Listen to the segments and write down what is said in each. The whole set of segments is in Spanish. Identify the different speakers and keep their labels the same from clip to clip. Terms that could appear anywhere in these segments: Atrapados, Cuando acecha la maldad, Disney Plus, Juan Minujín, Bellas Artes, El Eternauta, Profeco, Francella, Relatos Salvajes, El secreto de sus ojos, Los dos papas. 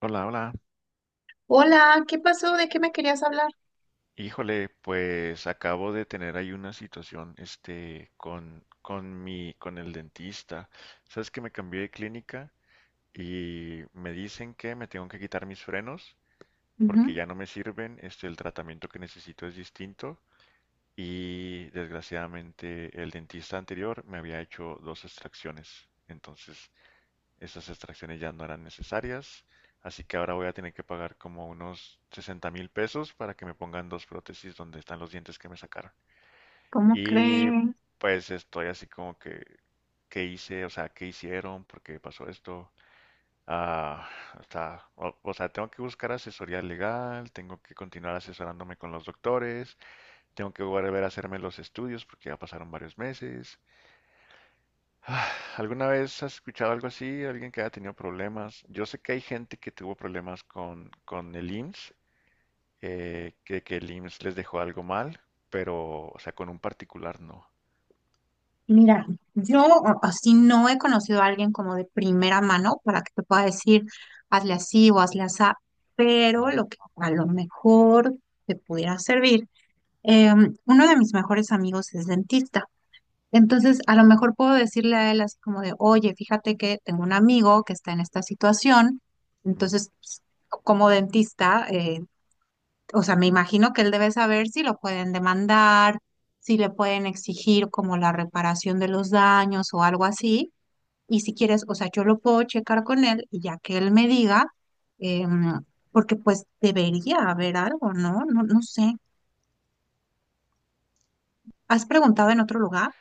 Speaker 1: Hola, hola.
Speaker 2: Hola, ¿qué pasó? ¿De qué me querías hablar?
Speaker 1: Híjole, pues acabo de tener ahí una situación, con el dentista. Sabes que me cambié de clínica y me dicen que me tengo que quitar mis frenos porque
Speaker 2: Ujú.
Speaker 1: ya no me sirven, este, el tratamiento que necesito es distinto y desgraciadamente el dentista anterior me había hecho 2 extracciones. Entonces, Estas extracciones ya no eran necesarias, así que ahora voy a tener que pagar como unos 60 mil pesos para que me pongan 2 prótesis donde están los dientes que me sacaron.
Speaker 2: ¿Cómo
Speaker 1: Y
Speaker 2: creen?
Speaker 1: pues estoy así como que, ¿qué hice? O sea, ¿qué hicieron? ¿Por qué pasó esto? Ah, o sea, tengo que buscar asesoría legal, tengo que continuar asesorándome con los doctores, tengo que volver a hacerme los estudios porque ya pasaron varios meses. Ah, ¿Alguna vez has escuchado algo así? ¿Alguien que haya tenido problemas? Yo sé que hay gente que tuvo problemas con el IMSS, que el IMSS les dejó algo mal, pero, o sea, con un particular no.
Speaker 2: Mira, yo así no he conocido a alguien como de primera mano para que te pueda decir, hazle así o hazle así, pero
Speaker 1: Ujú,
Speaker 2: lo que a lo mejor te pudiera servir, uno de mis mejores amigos es dentista, entonces a lo mejor puedo decirle a él así como de, oye, fíjate que tengo un amigo que está en esta situación,
Speaker 1: ujú.
Speaker 2: entonces pues, como dentista, o sea, me imagino que él debe saber si lo pueden demandar, si le pueden exigir como la reparación de los daños o algo así. Y si quieres, o sea, yo lo puedo checar con él y ya que él me diga, em, porque pues debería haber algo, ¿no? No, no sé. ¿Has preguntado en otro lugar?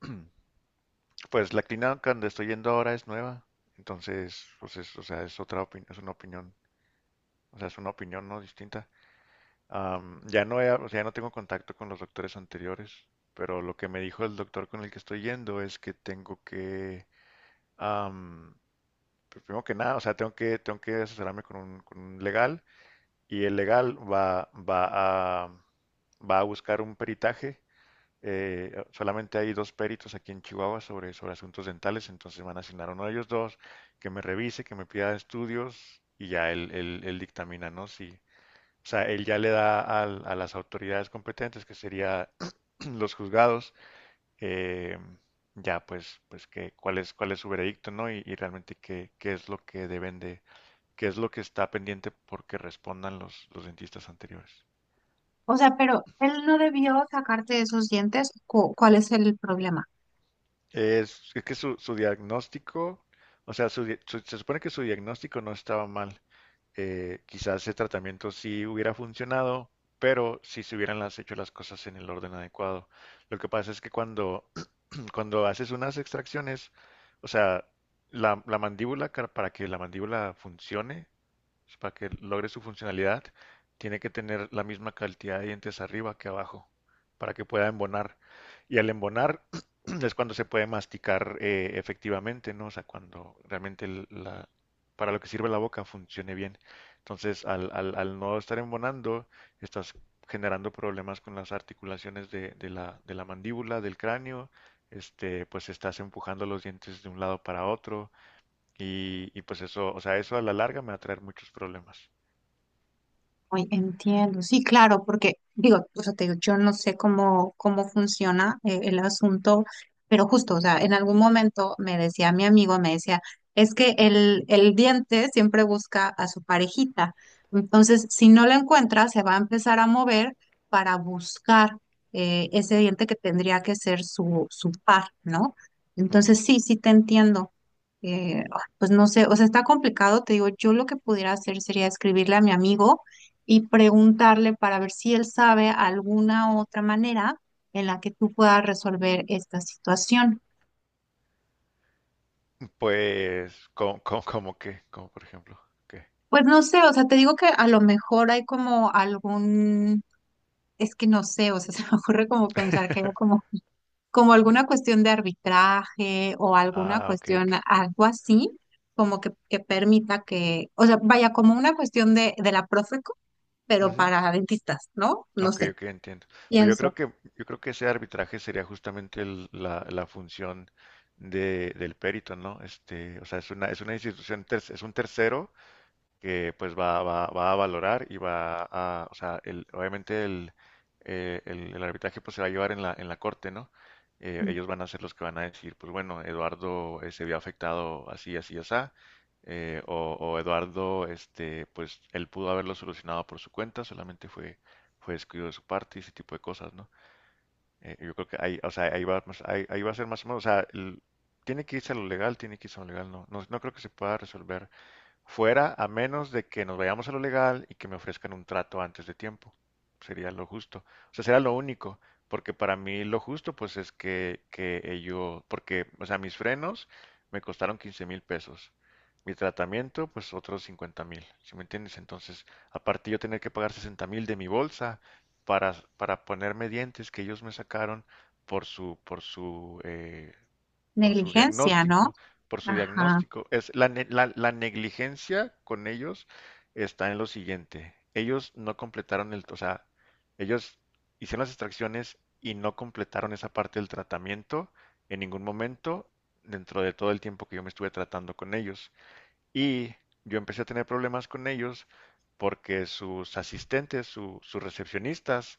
Speaker 1: Pues la clínica donde estoy yendo ahora es nueva, entonces, pues es, o sea, es otra opinión, es una opinión, o sea, es una opinión no distinta. Ya no he- o sea, ya no tengo contacto con los doctores anteriores, pero lo que me dijo el doctor con el que estoy yendo es que tengo que, pues primero que nada, o sea, tengo que asesorarme con un legal y el legal va a buscar un peritaje. Solamente hay 2 peritos aquí en Chihuahua sobre asuntos dentales, entonces van a asignar a uno de ellos dos que me revise, que me pida estudios y ya él dictamina, ¿no? Si, o sea, él ya le da a las autoridades competentes, que sería los juzgados, eh, ya pues, pues que, cuál es su veredicto, ¿no? Y realmente qué, qué es lo que deben de, que es lo que está pendiente porque respondan los dentistas anteriores.
Speaker 2: O sea, pero él no debió sacarte esos dientes. ¿Cuál es el problema?
Speaker 1: Es que su diagnóstico, o sea, se supone que su diagnóstico no estaba mal. Quizás ese tratamiento sí hubiera funcionado, pero si se hubieran hecho las cosas en el orden adecuado. Lo que pasa es que cuando, cuando haces unas extracciones, o sea, la mandíbula, para que la mandíbula funcione, para que logre su funcionalidad, tiene que tener la misma cantidad de dientes arriba que abajo, para que pueda embonar. Y al embonar es cuando se puede masticar efectivamente, ¿no? O sea, cuando realmente para lo que sirve la boca funcione bien. Entonces, al no estar embonando, estás generando problemas con las articulaciones de la mandíbula, del cráneo, este, pues estás empujando los dientes de un lado para otro y pues eso, o sea, eso a la larga me va a traer muchos problemas.
Speaker 2: Hoy entiendo, sí, claro, porque digo, o sea, te digo, yo no sé cómo, cómo funciona el asunto, pero justo, o sea, en algún momento me decía mi amigo, me decía, es que el diente siempre busca a su parejita, entonces si no la encuentra, se va a empezar a mover para buscar ese diente que tendría que ser su, su par, ¿no?
Speaker 1: Ujú.
Speaker 2: Entonces sí, sí te entiendo. Pues no sé, o sea, está complicado, te digo, yo lo que pudiera hacer sería escribirle a mi amigo y preguntarle para ver si él sabe alguna otra manera en la que tú puedas resolver esta situación.
Speaker 1: Pues, ¿cómo qué? Como por ejemplo, ¿qué?
Speaker 2: Pues no sé, o sea, te digo que a lo mejor hay como algún, es que no sé, o sea, se me ocurre como pensar que hay como, como alguna cuestión de arbitraje o alguna
Speaker 1: Ah, ok,
Speaker 2: cuestión,
Speaker 1: ok.
Speaker 2: algo así, como que permita que, o sea, vaya como una cuestión de la Profeco, pero
Speaker 1: Ujú.
Speaker 2: para dentistas, ¿no? No
Speaker 1: Ok,
Speaker 2: sé,
Speaker 1: ok, entiendo. Pero
Speaker 2: pienso.
Speaker 1: yo creo que ese arbitraje sería justamente la función del perito, ¿no? Este, o sea, es una institución, es un tercero que pues va a valorar y va a, o sea, obviamente el, el arbitraje pues se va a llevar en la corte, ¿no? Ellos van a ser los que van a decir, pues bueno, Eduardo se vio afectado así, o Eduardo, este, pues él pudo haberlo solucionado por su cuenta, fue descuido de su parte y ese tipo de cosas, ¿no? Yo creo que ahí, o sea, ahí va a ser más o menos, o sea, tiene que irse a lo legal, tiene que irse a lo legal, no creo que se pueda resolver fuera a menos de que nos vayamos a lo legal y que me ofrezcan un trato antes de tiempo. Sería lo justo. O sea, sería lo único, porque para mí lo justo pues es que ello, porque, o sea, mis frenos me costaron 15 mil pesos. Mi tratamiento, pues otros 50 mil, ¿sí me entiendes? Entonces, aparte yo tener que pagar 60 mil de mi bolsa para ponerme dientes que ellos me sacaron por su, por su eh, por su
Speaker 2: Negligencia, ¿no?
Speaker 1: diagnóstico, por su
Speaker 2: Ajá.
Speaker 1: diagnóstico. Es la negligencia con ellos está en lo siguiente. Ellos no completaron el, o sea, ellos hicieron las extracciones y no completaron esa parte del tratamiento en ningún momento dentro de todo el tiempo que yo me estuve tratando con ellos. Y yo empecé a tener problemas con ellos porque sus asistentes, sus recepcionistas,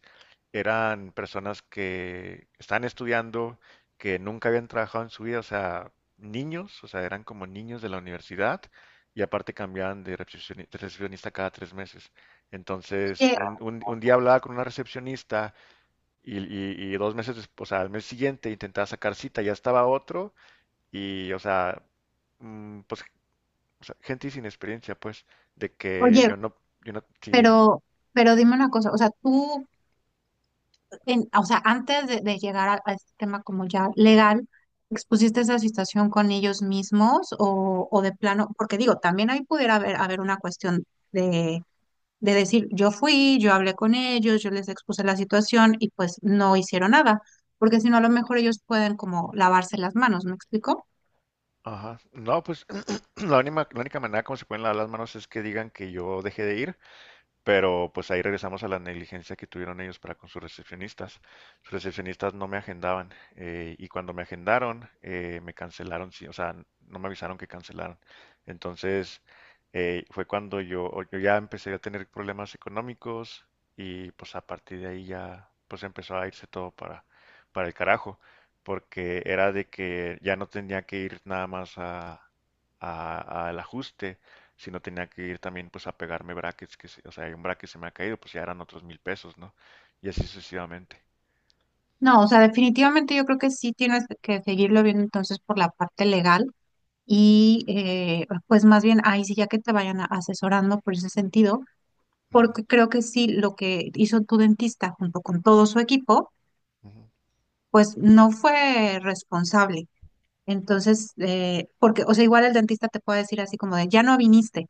Speaker 1: eran personas que estaban estudiando, que nunca habían trabajado en su vida, o sea, niños, o sea, eran como niños de la universidad y aparte cambiaban de recepcionista cada 3 meses. Entonces,
Speaker 2: Oye,
Speaker 1: un día hablaba con una recepcionista y 2 meses después, o sea, al mes siguiente intentaba sacar cita, ya estaba otro y, o sea, pues o sea, gente sin experiencia, pues, de que
Speaker 2: oye,
Speaker 1: yo no, yo no, sí, dime.
Speaker 2: Pero, pero dime una cosa, o sea, tú, o sea, antes de llegar a este tema como ya legal, ¿expusiste esa situación con ellos mismos o de plano? Porque digo, también ahí pudiera haber, haber una cuestión de, de decir, yo fui, yo hablé con ellos, yo les expuse la situación y pues no hicieron nada, porque si no, a lo mejor ellos pueden como lavarse las manos, ¿me explico?
Speaker 1: Ajá. No, pues, la única manera como se pueden lavar las manos es que digan que yo dejé de ir. Pero pues ahí regresamos a la negligencia que tuvieron ellos para con sus recepcionistas. Sus recepcionistas no me agendaban y cuando me agendaron me cancelaron, sí, o sea, no me avisaron que cancelaron. Entonces fue cuando yo ya empecé a tener problemas económicos y pues a partir de ahí ya pues empezó a irse todo para el carajo, porque era de que ya no tenía que ir nada más a, al ajuste, si no tenía que ir también pues a pegarme brackets, que, o sea, hay un bracket se me ha caído, pues ya eran otros 1000 pesos, ¿no? Y así sucesivamente.
Speaker 2: No, o sea, definitivamente yo creo que sí tienes que seguirlo viendo entonces por la parte legal. Y pues más bien ahí sí ya que te vayan asesorando por ese sentido,
Speaker 1: Ujú,
Speaker 2: porque creo que sí lo que hizo tu dentista junto con todo su equipo,
Speaker 1: ujú.
Speaker 2: pues no fue responsable. Entonces, porque, o sea, igual el dentista te puede decir así como de, ya no viniste,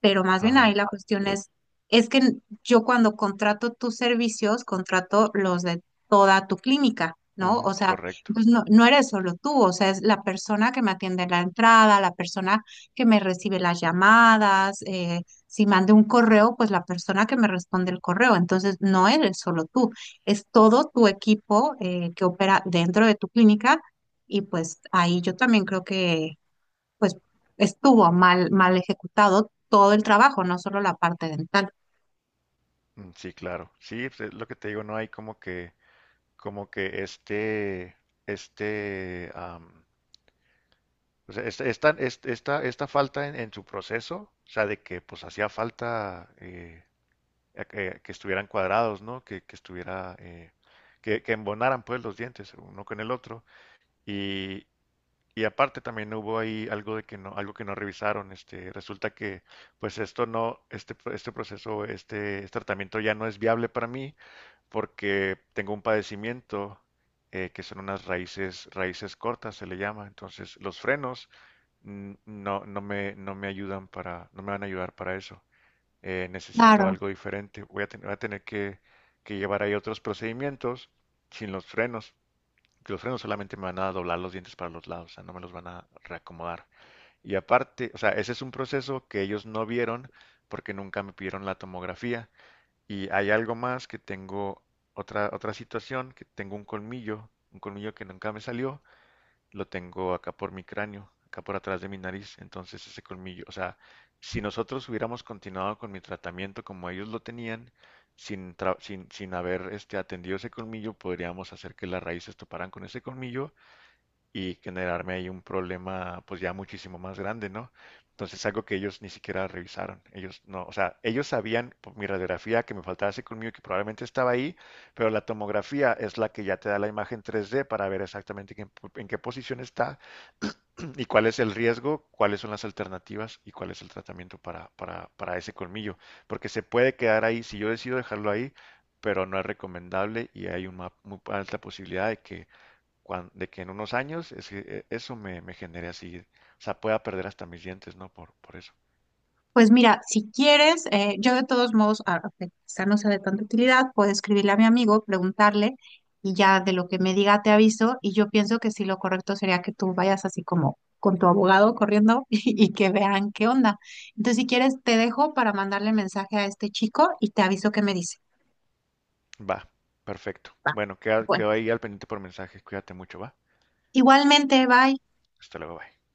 Speaker 2: pero más bien ahí
Speaker 1: Ajá,
Speaker 2: la cuestión es que yo cuando contrato tus servicios, contrato los de toda tu clínica, ¿no? O
Speaker 1: ujú,
Speaker 2: sea,
Speaker 1: correcto.
Speaker 2: pues no, no eres solo tú, o sea, es la persona que me atiende en la entrada, la persona que me recibe las llamadas, si mandé un correo, pues la persona que me responde el correo. Entonces, no eres solo tú, es todo tu equipo que opera dentro de tu clínica y pues ahí yo también creo que pues estuvo mal, mal ejecutado todo el trabajo, no solo la parte dental.
Speaker 1: Sí, claro. Sí, pues, es lo que te digo, no hay como que este, o sea, esta, esta falta en su proceso, o sea, de que pues hacía falta que estuvieran cuadrados, ¿no? Que estuviera, que embonaran pues los dientes uno con el otro. Y, y aparte también hubo ahí algo de que no, algo que no revisaron. Este, resulta que, pues esto no, este proceso, este tratamiento ya no es viable para mí porque tengo un padecimiento que son unas raíces, raíces cortas, se le llama. Entonces, los frenos mm, no me ayudan para, no me van a ayudar para eso. Necesito
Speaker 2: Claro.
Speaker 1: algo diferente. Voy a tener que llevar ahí otros procedimientos sin los frenos que los frenos solamente me van a doblar los dientes para los lados, o sea, no me los van a reacomodar. Y aparte, o sea, ese es un proceso que ellos no vieron porque nunca me pidieron la tomografía. Y hay algo más que tengo, otra situación, que tengo un colmillo que nunca me salió, lo tengo acá por mi cráneo, acá por atrás de mi nariz. Entonces ese colmillo, o sea, si nosotros hubiéramos continuado con mi tratamiento como ellos lo tenían, sin haber este, atendido ese colmillo, podríamos hacer que las raíces toparan con ese colmillo y generarme ahí un problema pues ya muchísimo más grande, ¿no? Entonces algo que ellos ni siquiera revisaron. Ellos no, o sea, ellos sabían por mi radiografía que me faltaba colmillo que probablemente estaba ahí, pero la tomografía es la que ya te da la imagen 3D para ver exactamente en qué posición está y cuál es el riesgo, cuáles son las alternativas y cuál es el tratamiento para ese colmillo. Porque se puede quedar ahí, si yo decido dejarlo ahí, pero no es recomendable y hay una muy alta posibilidad de que de que en unos años es que, eso me, me genere así, o sea, pueda perder hasta mis dientes, ¿no? Por eso.
Speaker 2: Pues mira, si quieres, yo de todos modos, que quizá no sea de tanta utilidad, puedo escribirle a mi amigo, preguntarle y ya de lo que me diga te aviso y yo pienso que sí lo correcto sería que tú vayas así como con tu abogado corriendo y que vean qué onda. Entonces, si quieres, te dejo para mandarle mensaje a este chico y te aviso qué me dice.
Speaker 1: Va, perfecto.
Speaker 2: Va.
Speaker 1: Bueno,
Speaker 2: Bueno,
Speaker 1: quedo ahí al pendiente por mensaje. Cuídate mucho, va.
Speaker 2: igualmente, bye.
Speaker 1: Hasta luego, bye.